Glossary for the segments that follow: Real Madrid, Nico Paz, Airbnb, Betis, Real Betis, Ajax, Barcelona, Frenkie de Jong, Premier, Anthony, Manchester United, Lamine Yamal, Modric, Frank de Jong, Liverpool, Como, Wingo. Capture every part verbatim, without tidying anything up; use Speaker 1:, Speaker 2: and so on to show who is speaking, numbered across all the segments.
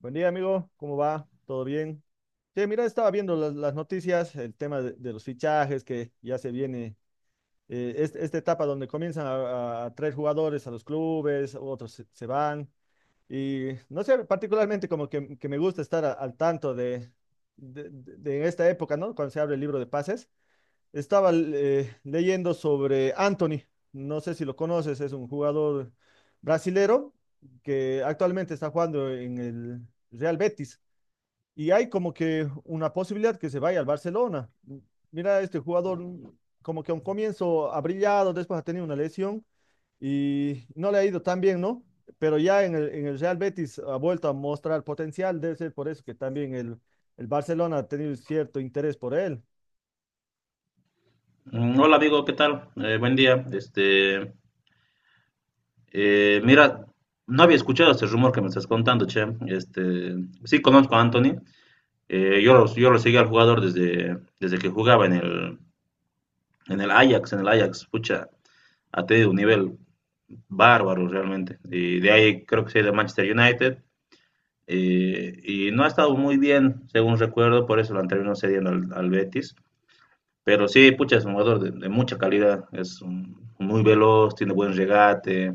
Speaker 1: Buen día, amigo. ¿Cómo va? ¿Todo bien? Sí, mira, estaba viendo las, las noticias, el tema de, de los fichajes, que ya se viene eh, es- esta etapa donde comienzan a, a- a traer jugadores a los clubes, otros se, se van. Y no sé, particularmente como que, que me gusta estar a- al tanto de, de, de- de esta época, ¿no? Cuando se abre el libro de pases. Estaba eh, leyendo sobre Anthony. No sé si lo conoces, es un jugador brasilero que actualmente está jugando en el Real Betis y hay como que una posibilidad que se vaya al Barcelona. Mira, este jugador mm, como que a un comienzo ha brillado, después ha tenido una lesión y no le ha ido tan bien, ¿no? Pero ya en el, en el Real Betis ha vuelto a mostrar potencial, debe ser por eso que también el, el Barcelona ha tenido cierto interés por él.
Speaker 2: Mm, Hola amigo, ¿qué tal? Eh, buen día. Este, eh, mira, no había escuchado este rumor que me estás contando, che. Este, sí conozco a Anthony. Eh, yo lo, yo lo seguí al jugador desde, desde que jugaba en el, en el Ajax, en el Ajax. Pucha, ha tenido un nivel bárbaro realmente. Y de ahí creo que se ha ido Manchester United. Eh, y no ha estado muy bien, según recuerdo, por eso lo han terminado cediendo al, al Betis. Pero sí, pucha, es un jugador de, de mucha calidad. Es un- muy veloz, tiene buen regate.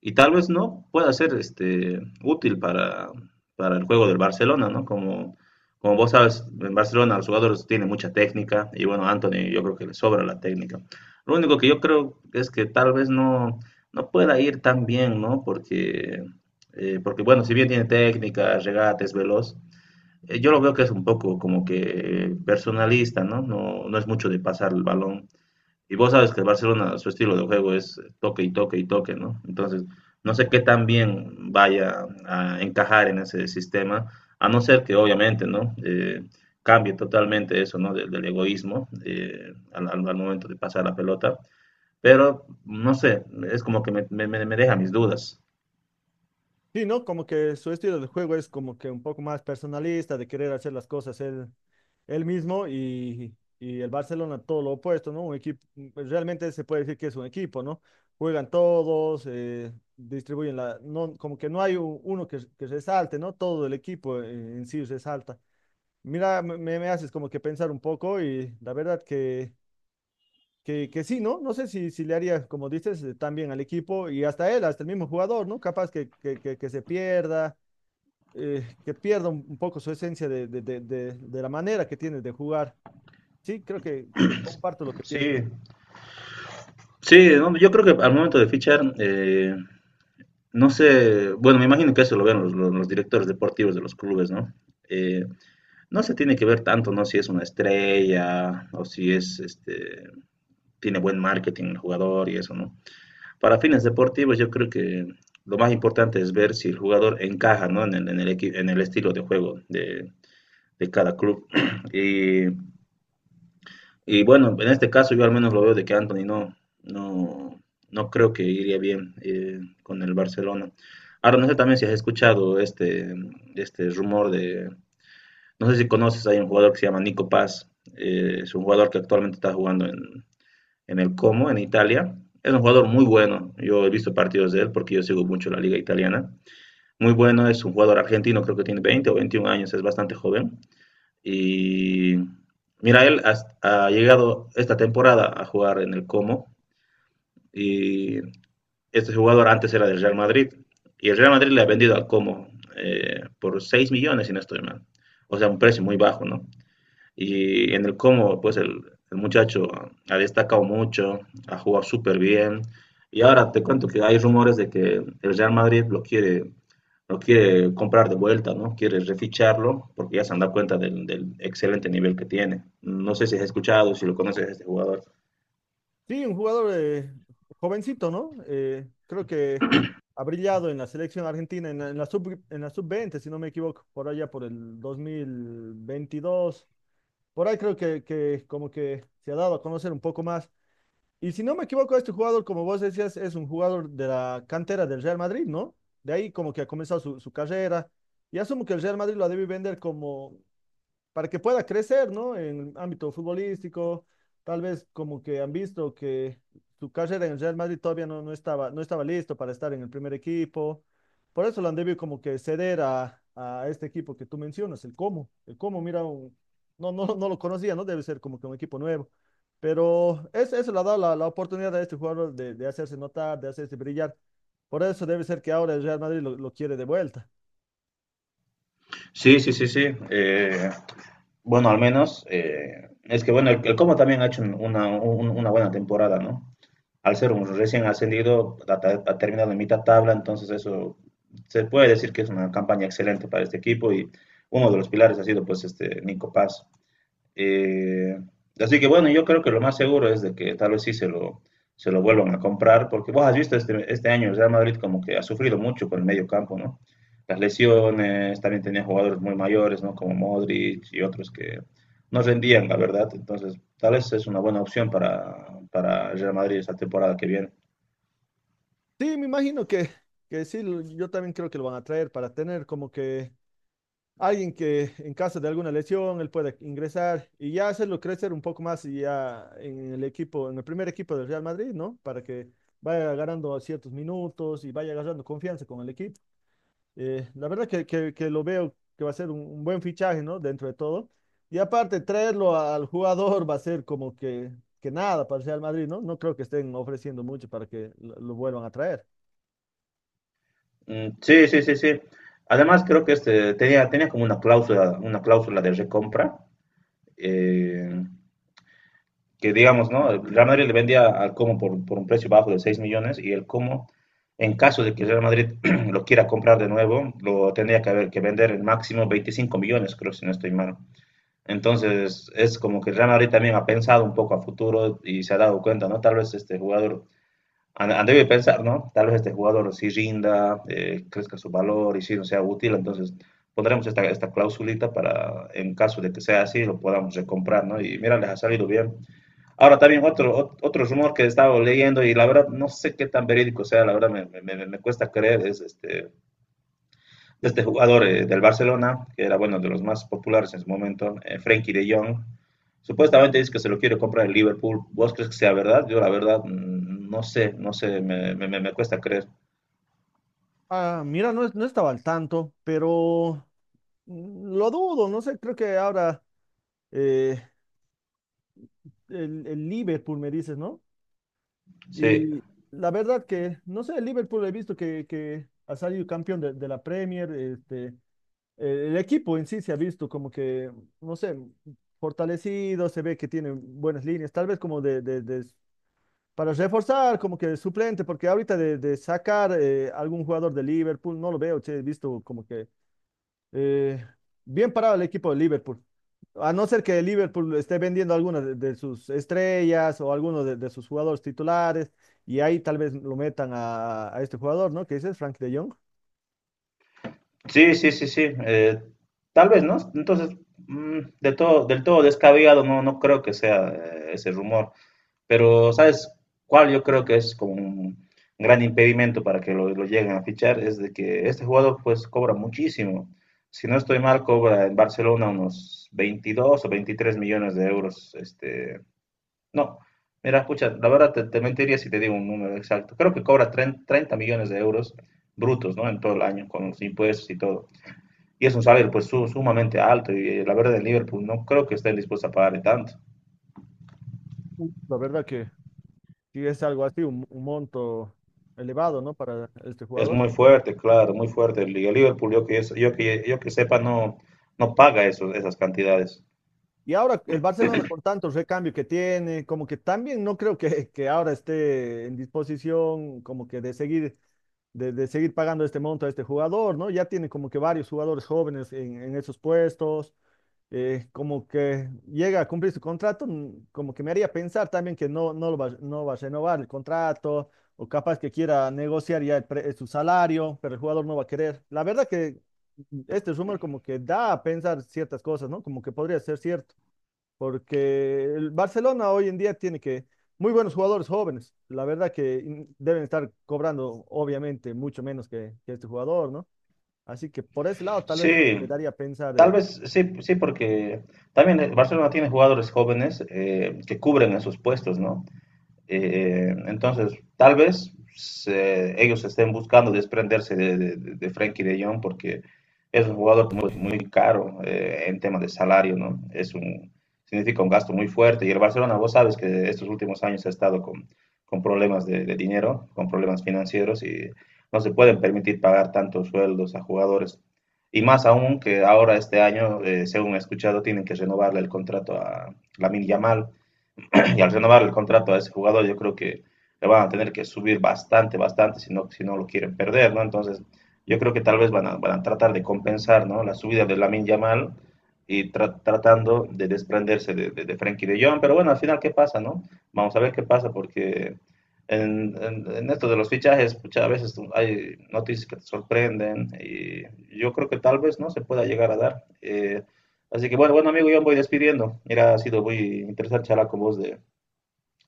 Speaker 2: Y tal vez no pueda ser este, útil para, para el juego del Barcelona, ¿no? Como, Como vos sabes, en Barcelona los jugadores tienen mucha técnica y bueno, Anthony yo creo que le sobra la técnica. Lo único que yo creo es que tal vez no, no pueda ir tan bien, ¿no? Porque, eh, porque bueno, si bien tiene técnica, regate, es veloz, eh, yo lo veo que es un poco como que personalista, ¿no? No, no es mucho de pasar el balón. Y vos sabes que el Barcelona, su estilo de juego es toque y toque y toque, ¿no? Entonces, no sé qué tan bien vaya a encajar en ese sistema, a no ser que obviamente, ¿no? Eh, cambie totalmente eso, ¿no? Del, del egoísmo eh, al, al- al momento de pasar la pelota. Pero, no sé, es como que me, me- me- me deja mis dudas.
Speaker 1: Sí, ¿no? Como que su estilo de juego es como que un poco más personalista, de querer hacer las cosas él, él mismo y, y el Barcelona todo lo opuesto, ¿no? Un equipo, pues, realmente se puede decir que es un equipo, ¿no? Juegan todos, eh, distribuyen la, no, como que no hay u- uno que, que resalte, ¿no? Todo el equipo eh, en sí resalta. Mira, me, me me haces como que pensar un poco y la verdad que, que, que sí, ¿no? No sé si, si le haría, como dices, eh, tan bien al equipo y hasta él, hasta el mismo jugador, ¿no? Capaz que, que, que que se pierda eh, que pierda un, un poco su esencia de, de- de- de- de la manera que tiene de jugar. Sí, creo que, que comparto lo que
Speaker 2: Sí,
Speaker 1: pienso.
Speaker 2: sí, no, yo creo que al momento de fichar, eh, no sé, bueno, me imagino que eso lo ven los, los- los directores deportivos de los clubes, ¿no? Eh, No se tiene que ver tanto, ¿no? Si es una estrella o si es, este, tiene buen marketing el jugador y eso, ¿no? Para fines deportivos yo creo que lo más importante es ver si el jugador encaja, ¿no? En el, en el, equi- en el estilo de juego de, de cada club. Y, y bueno, en este caso yo al menos lo veo de que Anthony no, no, no creo que iría bien eh, con el Barcelona. Ahora no sé también si has escuchado este, este rumor de, no sé si conoces, hay un jugador que se llama Nico Paz, eh, es un jugador que actualmente está jugando en, en el Como, en Italia. Es un jugador muy bueno, yo he visto partidos de él porque yo sigo mucho la liga italiana. Muy bueno, es un jugador argentino, creo que tiene veinte o veintiún años, es bastante joven. Y mira, él ha, ha llegado esta temporada a jugar en el Como y este jugador antes era del Real Madrid y el Real Madrid le ha vendido al Como eh, por seis millones, si no estoy mal. O sea, un precio muy bajo, ¿no? Y en el Como, pues el, el muchacho ha destacado mucho, ha jugado súper bien. Y ahora te cuento que hay rumores de que el Real Madrid lo quiere, lo quiere comprar de vuelta, ¿no? Quiere reficharlo porque ya se han dado cuenta del, del excelente nivel que tiene. No sé si has escuchado, si lo conoces a este jugador.
Speaker 1: Sí, un jugador eh, jovencito, ¿no? Eh, creo que ha brillado en la selección argentina, en la, en la sub, en la sub veinte si no me equivoco, por allá por el dos mil veintidós. Por ahí creo que, que como que se ha dado a conocer un poco más. Y si no me equivoco, este jugador, como vos decías, es un jugador de la cantera del Real Madrid, ¿no? De ahí como que ha comenzado su, su carrera. Y asumo que el Real Madrid lo debe vender como, para que pueda crecer, ¿no? En el ámbito futbolístico, tal vez como que han visto que su carrera en Real Madrid todavía no, no estaba, no estaba listo para estar en el primer equipo. Por eso lo han debido como que ceder a, a este equipo que tú mencionas, el Como. El Como, mira, un- no, no, no lo conocía, ¿no? Debe ser como que un equipo nuevo. Pero es- eso le ha dado la, la oportunidad a este jugador de, de hacerse notar, de hacerse brillar. Por eso debe ser que ahora el Real Madrid lo, lo quiere de vuelta.
Speaker 2: Sí, sí, sí, sí. Eh, bueno, al menos eh, es que bueno, el, el Como también ha hecho un- una, un- una buena temporada, ¿no? Al ser un recién ascendido, ha, ta- ha terminado en mitad tabla, entonces eso se puede decir que es una campaña excelente para este equipo y uno de los pilares ha sido pues este Nico Paz. Eh, Así que bueno, yo creo que lo más seguro es de que tal vez sí se lo, se lo vuelvan a comprar, porque vos has visto este, este año el Real Madrid como que ha sufrido mucho con el medio campo, ¿no? Las lesiones, también tenía jugadores muy mayores, ¿no? Como Modric y otros que no rendían, la verdad. Entonces, tal vez es una buena opción para, para el Real Madrid esta temporada que viene.
Speaker 1: Sí, me imagino que, que sí, lo- yo también creo que lo van a traer para tener como que alguien que en caso de alguna lesión él pueda ingresar y ya hacerlo crecer un poco más y ya en el equipo, en el primer equipo del Real Madrid, ¿no? Para que vaya ganando ciertos minutos y vaya agarrando confianza con el equipo. Eh, la verdad que, que- que lo veo que va a ser un, un buen fichaje, ¿no? Dentro de todo. Y aparte, traerlo al jugador va a ser como que, que nada para el Real Madrid, ¿no? No creo que estén ofreciendo mucho para que lo lo vuelvan a traer.
Speaker 2: Mm, sí, sí, sí, sí. Además, creo que este tenía, tenía como una cláusula, una cláusula de recompra. eh, que digamos, ¿no? El Real Madrid le vendía al Como por, por un precio bajo de seis millones y el Como, en caso de que el Real Madrid lo quiera comprar de nuevo, lo tendría que haber que vender en máximo veinticinco millones, creo, si no estoy mal. Entonces, es como que el Real Madrid también ha pensado un poco a futuro y se ha dado cuenta, ¿no? Tal vez este jugador, han, han debido pensar, ¿no? Tal vez este jugador sí rinda, eh, crezca su valor y sí no sea útil, entonces pondremos esta, esta clausulita para, en caso de que sea así, lo podamos recomprar, ¿no? Y mira, les ha salido bien. Ahora también otro, otro rumor que estaba leyendo y la verdad no sé qué tan verídico sea, la verdad me, me, me cuesta creer, es este, este jugador eh, del Barcelona, que era bueno de los más populares en su momento, eh, Frenkie de Jong, supuestamente dice que se lo quiere comprar el Liverpool, ¿vos crees que sea verdad? Yo la verdad mm, no sé, no sé, me, me me me cuesta creer.
Speaker 1: Ah, mira, no, es- no estaba al tanto, pero mm, lo dudo, no sé, creo que ahora eh, el, el Liverpool me dices, ¿no?
Speaker 2: Sí,
Speaker 1: Y la verdad que, no sé, el Liverpool he visto que, que ha salido campeón de, de la Premier, este, eh, el equipo en sí se ha visto como que, no sé, fortalecido, se ve que tiene buenas líneas, tal vez como de, de- de- para reforzar, como que de suplente, porque ahorita de, de sacar eh, algún jugador de Liverpool, no lo veo, che, he visto como que Eh, bien parado el equipo de Liverpool. A no ser que Liverpool esté vendiendo algunas de, de sus estrellas o algunos de, de sus jugadores titulares, y ahí tal vez lo metan a, a este jugador, ¿no? Que dices, Frank de Jong.
Speaker 2: sí, sí, sí, sí, eh, tal vez, ¿no? Entonces, mm, del, todo, del todo descabellado no, no creo que sea eh, ese rumor. Pero, ¿sabes cuál? Yo creo que es como un gran impedimento para que lo, lo lleguen a fichar, es de que este jugador pues cobra muchísimo. Si no estoy mal, cobra en Barcelona unos veintidós o veintitrés millones de euros. Este, no, mira, escucha, la verdad te, te mentiría si te digo un número exacto. Creo que cobra 30 30 millones de euros brutos, ¿no? En todo el año, con los impuestos y todo. Y es un salario pues su- sumamente alto y eh, la verdad el Liverpool no creo que esté dispuesto a pagarle tanto.
Speaker 1: La verdad que sí es algo así, un, un monto elevado, ¿no? Para este
Speaker 2: Es
Speaker 1: jugador.
Speaker 2: muy fuerte, claro, muy fuerte. El Liga Liverpool, yo que, yo que, yo que sepa, no, no paga eso- esas cantidades.
Speaker 1: Y ahora el Barcelona con tantos recambios que tiene, como que también no creo que, que ahora esté en disposición como que de seguir de, de seguir pagando este monto a este jugador, ¿no? Ya tiene como que varios jugadores jóvenes en, en esos puestos, eh, como que llega a cumplir su contrato, mm, como que me haría pensar también que no, no, lo va, no va a renovar el contrato, o capaz que quiera negociar ya el pre- su salario, pero el jugador no va a querer. La verdad que mm, este rumor como que da a pensar ciertas cosas, ¿no? Como que podría ser cierto porque el Barcelona hoy en día tiene que muy buenos jugadores jóvenes. La verdad que in- deben estar cobrando obviamente mucho menos que, que este jugador, ¿no? Así que por ese lado tal vez
Speaker 2: Sí,
Speaker 1: me daría a pensar.
Speaker 2: tal
Speaker 1: Eh.
Speaker 2: vez sí, sí, porque también el Barcelona tiene jugadores jóvenes eh, que cubren esos puestos, ¿no? Eh, entonces, tal vez se- ellos estén buscando desprenderse de, de, de Frenkie de Jong porque es un jugador muy, muy caro eh, en tema de salario, ¿no? Es un, significa un gasto muy fuerte. Y el Barcelona, vos sabes que estos últimos años ha estado con, con problemas de, de dinero, con problemas financieros y no se pueden permitir pagar tantos sueldos a jugadores. Y más aún que ahora este año, eh, según he escuchado, tienen que renovarle el contrato a Lamine Yamal y al renovar el contrato a ese jugador, yo creo que le van a tener que subir bastante, bastante, si no, si no lo quieren perder, ¿no? Entonces, yo creo que tal vez van a, van a tratar de compensar, ¿no? La subida de Lamin Yamal y tra tratando de desprenderse de, de, de, Frankie de Jong, pero bueno, al final, ¿qué pasa, no? Vamos a ver qué pasa, porque en, en, en esto de los fichajes, muchas pues, veces hay noticias que te sorprenden, y yo creo que tal vez, ¿no? Se pueda llegar a dar. Eh, así que bueno, bueno, amigo, yo me voy despidiendo. Mira, ha sido muy interesante charlar con vos de,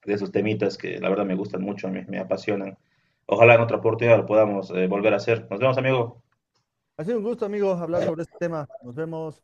Speaker 2: de esos temitas que la verdad me gustan mucho, me, me apasionan. Ojalá en otra oportunidad lo podamos eh, volver a hacer. Nos vemos, amigo.
Speaker 1: Ha sido un gusto, amigos, hablar sobre este tema. Nos vemos.